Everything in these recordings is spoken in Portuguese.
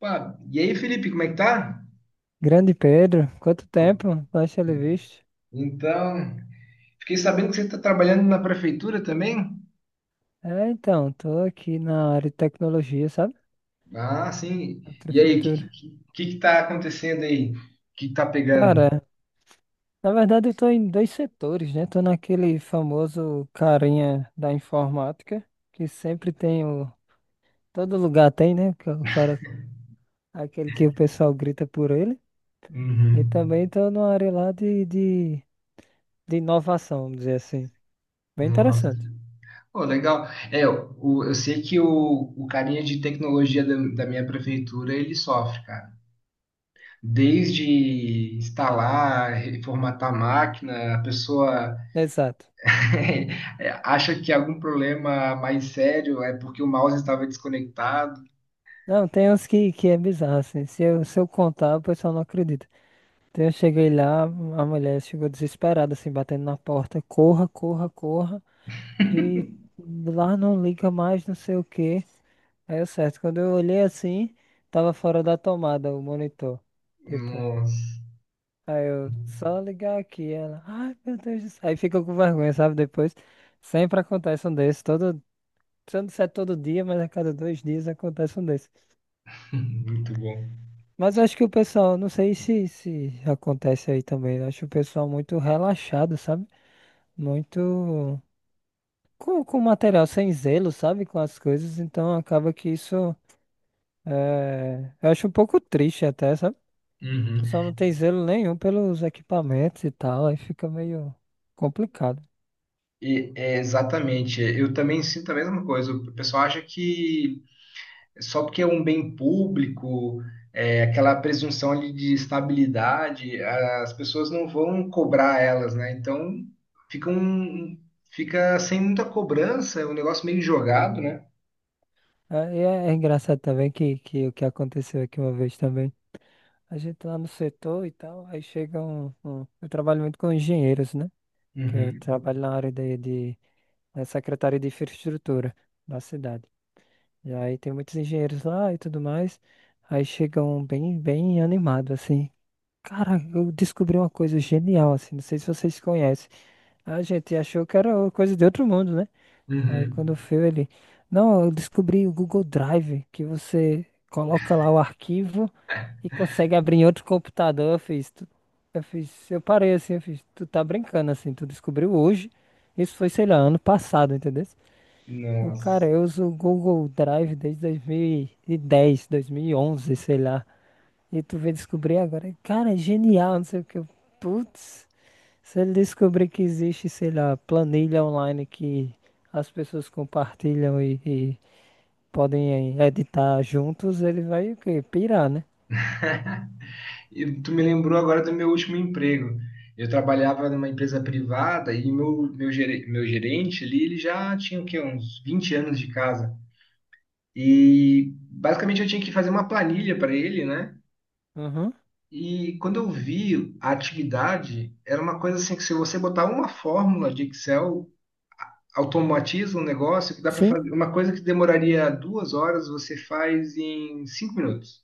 Pá, e aí, Felipe, como é que tá? Grande Pedro, quanto tempo? Baixa ele visto. Então, fiquei sabendo que você está trabalhando na prefeitura também? É, então, tô aqui na área de tecnologia, sabe? Ah, sim. Na E aí, prefeitura. Que tá acontecendo aí? O que que tá pegando? Cara, na verdade eu tô em dois setores, né? Tô naquele famoso carinha da informática, que sempre tem o. Todo lugar tem, né? Que é o cara, aquele que o pessoal grita por ele. E Uhum. também tô numa área lá de inovação, vamos dizer assim. Bem Nossa. interessante. Pô, legal. É, eu sei que o carinha de tecnologia da minha prefeitura, ele sofre, cara. Desde instalar, reformatar a máquina, a pessoa Exato. acha que é algum problema mais sério é porque o mouse estava desconectado. Não, tem uns que é bizarro, assim. Se eu contar, o pessoal não acredita. Então eu cheguei lá, a mulher chegou desesperada, assim, batendo na porta. Corra, corra, corra, que lá não liga mais, não sei o quê. Aí eu certo, quando eu olhei assim, tava fora da tomada o monitor. Tipo, Nossa. aí eu só ligar aqui. Ela, ai meu Deus do céu. Aí fica com vergonha, sabe? Depois sempre acontece um desses. Todo, se eu não disser todo dia, mas a cada 2 dias acontece um desses. Muito bom. Mas eu acho que o pessoal, não sei se acontece aí também. Eu acho o pessoal muito relaxado, sabe? Muito com material sem zelo, sabe? Com as coisas, então acaba que isso é, eu acho um pouco triste até, sabe? O Uhum. pessoal não tem zelo nenhum pelos equipamentos e tal, aí fica meio complicado. E é, exatamente, eu também sinto a mesma coisa. O pessoal acha que só porque é um bem público, é, aquela presunção ali de estabilidade, as pessoas não vão cobrar elas, né? Então fica, fica sem muita cobrança, é um negócio meio jogado, né? É, e é engraçado também que o que aconteceu aqui uma vez também. A gente lá no setor e tal, aí chega um, eu trabalho muito com engenheiros, né? Que eu Uhum. trabalho na área na Secretaria de Infraestrutura da cidade. E aí tem muitos engenheiros lá e tudo mais. Aí chegam bem, bem animados, assim. Cara, eu descobri uma coisa genial, assim. Não sei se vocês conhecem. A gente achou que era coisa de outro mundo, né? Aí quando Uhum. foi ele. Não, eu descobri o Google Drive, que você coloca lá o arquivo e consegue abrir em outro computador. Eu fiz, eu fiz, eu parei assim, eu fiz, tu tá brincando assim, tu descobriu hoje. Isso foi, sei lá, ano passado, entendeu? Eu, cara, Nossa. eu uso o Google Drive desde 2010, 2011, sei lá. E tu veio descobrir agora. Cara, é genial, não sei o que. Putz, se ele descobrir que existe, sei lá, planilha online que as pessoas compartilham e podem editar juntos, ele vai o quê? Pirar, né? E tu me lembrou agora do meu último emprego. Eu trabalhava numa empresa privada e meu gerente ali, ele já tinha o quê? Uns 20 anos de casa. E basicamente eu tinha que fazer uma planilha para ele, né? Uhum. E quando eu vi a atividade, era uma coisa assim que se você botar uma fórmula de Excel, automatiza um negócio que dá para Sim. fazer. Uma coisa que demoraria duas horas, você faz em cinco minutos.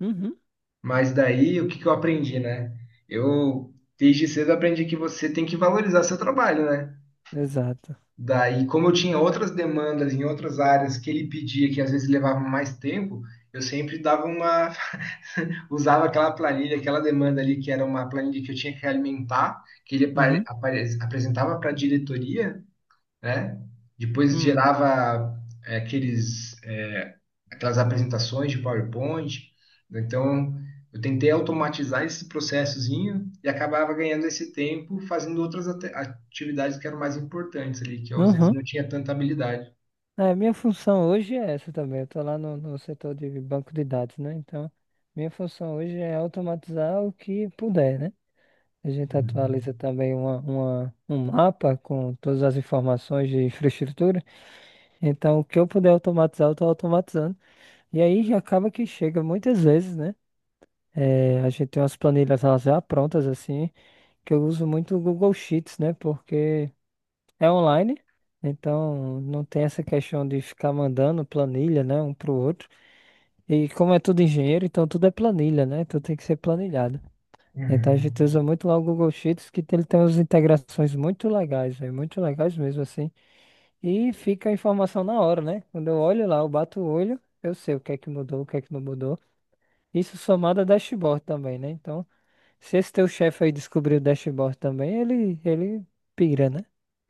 Uhum. Mas daí, o que que eu aprendi, né? Eu, desde cedo, aprendi que você tem que valorizar seu trabalho, né? Exato. Daí, como eu tinha outras demandas em outras áreas que ele pedia, que às vezes levavam mais tempo, eu sempre dava uma, usava aquela planilha, aquela demanda ali, que era uma planilha que eu tinha que alimentar, que ele Uhum. Apresentava para a diretoria, né? Depois Hum. gerava é, aqueles, é, aquelas apresentações de PowerPoint. Então, eu tentei automatizar esse processozinho e acabava ganhando esse tempo fazendo outras atividades que eram mais importantes ali, que eu às vezes Uhum. não tinha tanta habilidade. É, minha função hoje é essa também. Eu tô lá no setor de banco de dados, né? Então, minha função hoje é automatizar o que puder, né? A gente atualiza também um mapa com todas as informações de infraestrutura. Então, o que eu puder automatizar, eu estou automatizando. E aí já acaba que chega muitas vezes, né? É, a gente tem umas planilhas elas já prontas assim, que eu uso muito o Google Sheets, né? Porque é online, então não tem essa questão de ficar mandando planilha, né, um pro outro. E como é tudo engenheiro, então tudo é planilha, né? Tudo tem que ser planilhado. Então a Uhum. gente usa muito lá o Google Sheets, que ele tem umas integrações muito legais, véio, muito legais mesmo assim. E fica a informação na hora, né? Quando eu olho lá, eu bato o olho, eu sei o que é que mudou, o que é que não mudou. Isso somado a dashboard também, né? Então, se esse teu chefe aí descobrir o dashboard também, ele pira, né?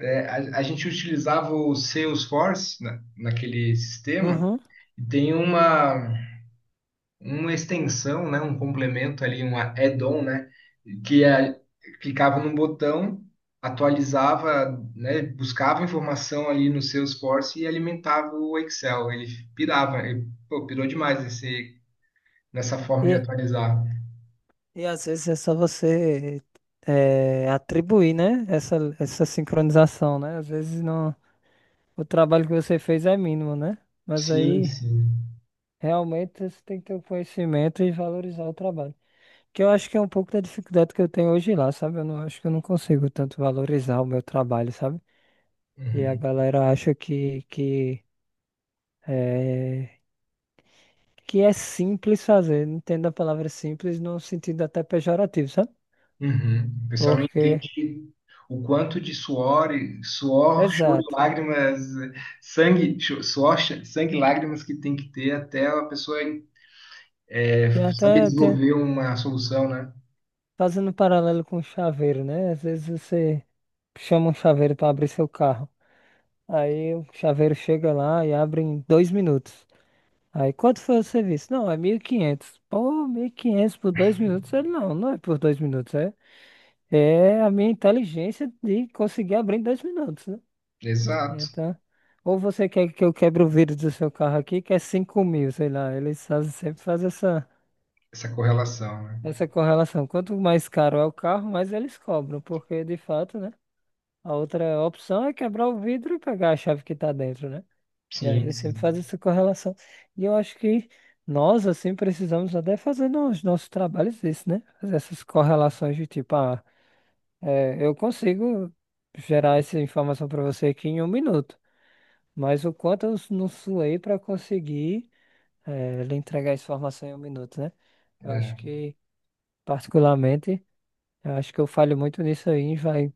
É, a gente utilizava o Salesforce naquele sistema Uhum. e tem uma. Uma extensão, né, um complemento ali, um add-on, né, que é, clicava num botão, atualizava, né, buscava informação ali no Salesforce e alimentava o Excel. Ele pirava, ele, pô, pirou demais esse, nessa forma de atualizar. E às vezes é só você atribuir, né? Essa sincronização, né? Às vezes não, o trabalho que você fez é mínimo, né? Mas Sim, aí sim. realmente você tem que ter o conhecimento e valorizar o trabalho. Que eu acho que é um pouco da dificuldade que eu tenho hoje lá, sabe? Eu não acho que eu não consigo tanto valorizar o meu trabalho, sabe? E a Uhum. galera acha é que é simples fazer. Entendo a palavra simples no sentido até pejorativo, sabe? Uhum. O pessoal não Porque, entende o quanto de suor, suor, choro e exato. lágrimas, sangue, suor, sangue e lágrimas que tem que ter até a pessoa É Tem saber até, tem, desenvolver uma solução, né? Fazendo um paralelo com o chaveiro, né? Às vezes você chama um chaveiro para abrir seu carro. Aí o chaveiro chega lá e abre em 2 minutos. Aí quanto foi o serviço? Não, é 1.500. Pô, 1.500 por 2 minutos? Ele não, não é por 2 minutos. É a minha inteligência de conseguir abrir em 2 minutos, né? Exato. Então, ou você quer que eu quebre o vidro do seu carro aqui, que é 5.000, sei lá. Eles fazem, sempre fazem essa, Essa correlação, né? essa correlação. Quanto mais caro é o carro, mais eles cobram, porque de fato, né? A outra opção é quebrar o vidro e pegar a chave que tá dentro, né? E aí Sim, ele sempre sim. faz essa correlação. E eu acho que nós, assim, precisamos até fazer nos nossos trabalhos isso, né? Fazer essas correlações de tipo, ah, é, eu consigo gerar essa informação para você aqui em 1 minuto, mas o quanto eu não suei para conseguir lhe entregar essa informação em 1 minuto, né? Eu acho É, que, particularmente, eu acho que eu falho muito nisso aí, vai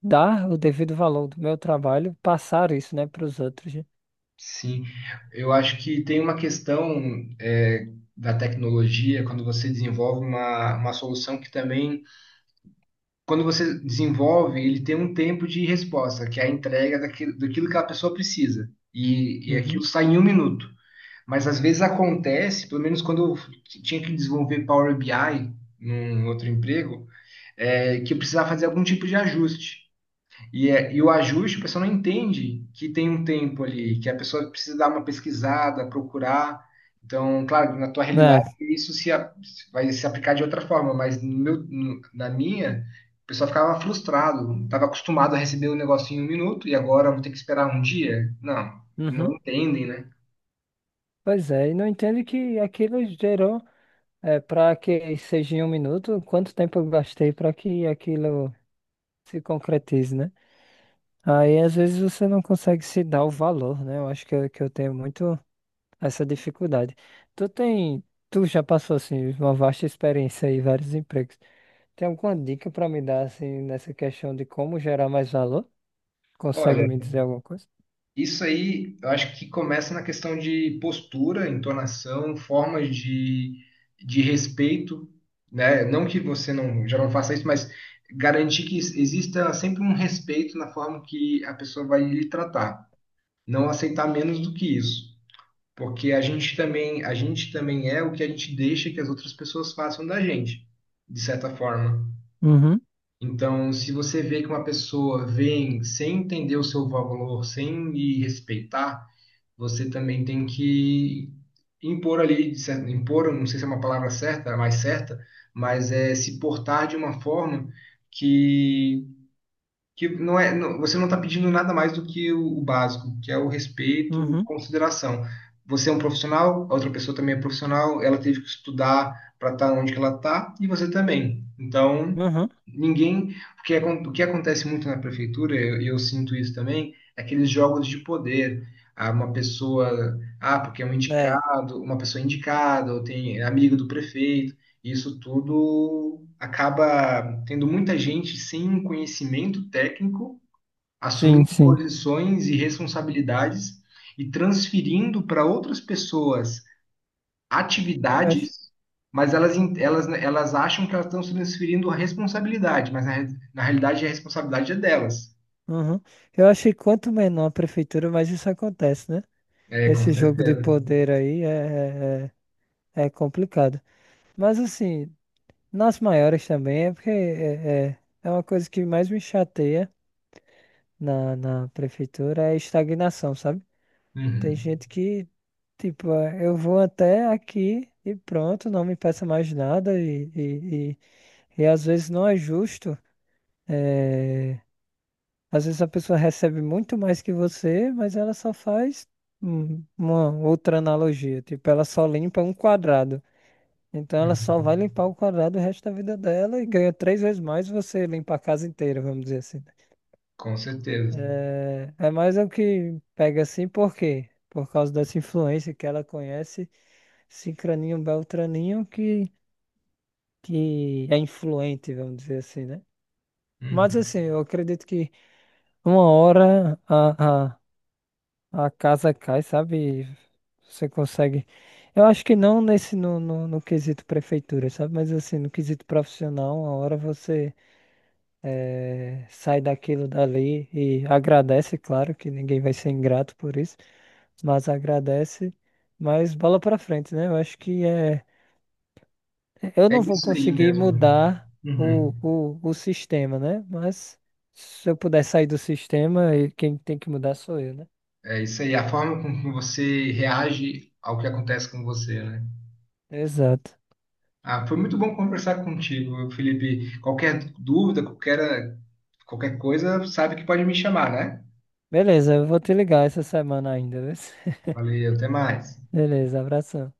dar o devido valor do meu trabalho, passar isso, né, para os outros, né? sim. Eu acho que tem uma questão é, da tecnologia, quando você desenvolve uma solução que também, quando você desenvolve, ele tem um tempo de resposta, que é a entrega daquilo, daquilo que a pessoa precisa. E aquilo Uhum. sai em um minuto. Mas às vezes acontece, pelo menos quando eu tinha que desenvolver Power BI num outro emprego, é, que precisar fazer algum tipo de ajuste. E, e o ajuste, a pessoa não entende que tem um tempo ali, que a pessoa precisa dar uma pesquisada, procurar. Então, claro, na tua realidade, Né? isso se, a- vai se aplicar de outra forma, mas no meu, na minha, o pessoal ficava frustrado, estava acostumado a receber o negócio em um minuto e agora vou ter que esperar um dia? Não, não Uhum. entendem, né? Pois é, e não entendo que aquilo gerou, para que seja em 1 minuto, quanto tempo eu gastei para que aquilo se concretize, né? Aí às vezes você não consegue se dar o valor, né? Eu acho que que eu tenho muito essa dificuldade. Tu tem, tu já passou assim uma vasta experiência aí, vários empregos. Tem alguma dica para me dar assim nessa questão de como gerar mais valor? Consegue Olha, me dizer alguma coisa? isso aí, eu acho que começa na questão de postura, entonação, formas de respeito, né? Não que você não, já não faça isso, mas garantir que exista sempre um respeito na forma que a pessoa vai lhe tratar. Não aceitar menos do que isso, porque a gente também é o que a gente deixa que as outras pessoas façam da gente, de certa forma. Uhum, Então, se você vê que uma pessoa vem sem entender o seu valor, sem lhe respeitar, você também tem que impor ali, impor, não sei se é uma palavra certa, a mais certa, mas é se portar de uma forma que que não é, você não está pedindo nada mais do que o básico, que é o respeito, uhum, consideração. Você é um profissional, a outra pessoa também é profissional, ela teve que estudar para estar onde que ela está e você também. Então, uhum. ninguém, o que acontece muito na prefeitura, eu sinto isso também, é aqueles jogos de poder. Ah, uma pessoa, ah, porque é um É, indicado, uma pessoa é indicada, ou tem é amigo do prefeito, isso tudo acaba tendo muita gente sem um conhecimento técnico, sim, assumindo sim. posições e responsabilidades e transferindo para outras pessoas Eu acho. atividades, mas elas acham que elas estão transferindo a responsabilidade, mas na realidade a responsabilidade é delas. Uhum. Eu acho que quanto menor a prefeitura, mais isso acontece, né? É, com Esse jogo de certeza. poder aí é complicado. Mas assim, nas maiores também é porque é uma coisa que mais me chateia na prefeitura é a estagnação, sabe? Tem Uhum. gente que, tipo, é, eu vou até aqui e pronto, não me peça mais nada e às vezes não é justo. é, Às vezes a pessoa recebe muito mais que você, mas ela só faz uma outra analogia. Tipo, ela só limpa um quadrado. Então ela só Uhum. vai limpar o quadrado o resto da vida dela e ganha três vezes mais você limpar a casa inteira, vamos dizer assim. Com certeza. É, é mais o que pega assim, por quê? Por causa dessa influência que ela conhece, Cicraninho Beltraninho, que é influente, vamos dizer assim, né? Mas Uhum. assim, eu acredito que uma hora a casa cai, sabe? Você consegue. Eu acho que não nesse no quesito prefeitura, sabe? Mas assim, no quesito profissional, uma hora você sai daquilo dali e agradece, claro que ninguém vai ser ingrato por isso, mas agradece, mas bola pra frente, né? Eu acho que é. Eu É não vou isso aí conseguir mesmo. mudar Uhum. o sistema, né? Mas se eu puder sair do sistema, e quem tem que mudar sou eu, né? É isso aí, a forma com que você reage ao que acontece com você, né? Exato. Ah, foi muito bom conversar contigo, Felipe. Qualquer dúvida, qualquer, qualquer coisa, sabe que pode me chamar, né? Beleza, eu vou te ligar essa semana ainda, viu? Valeu, até mais. Beleza, abração.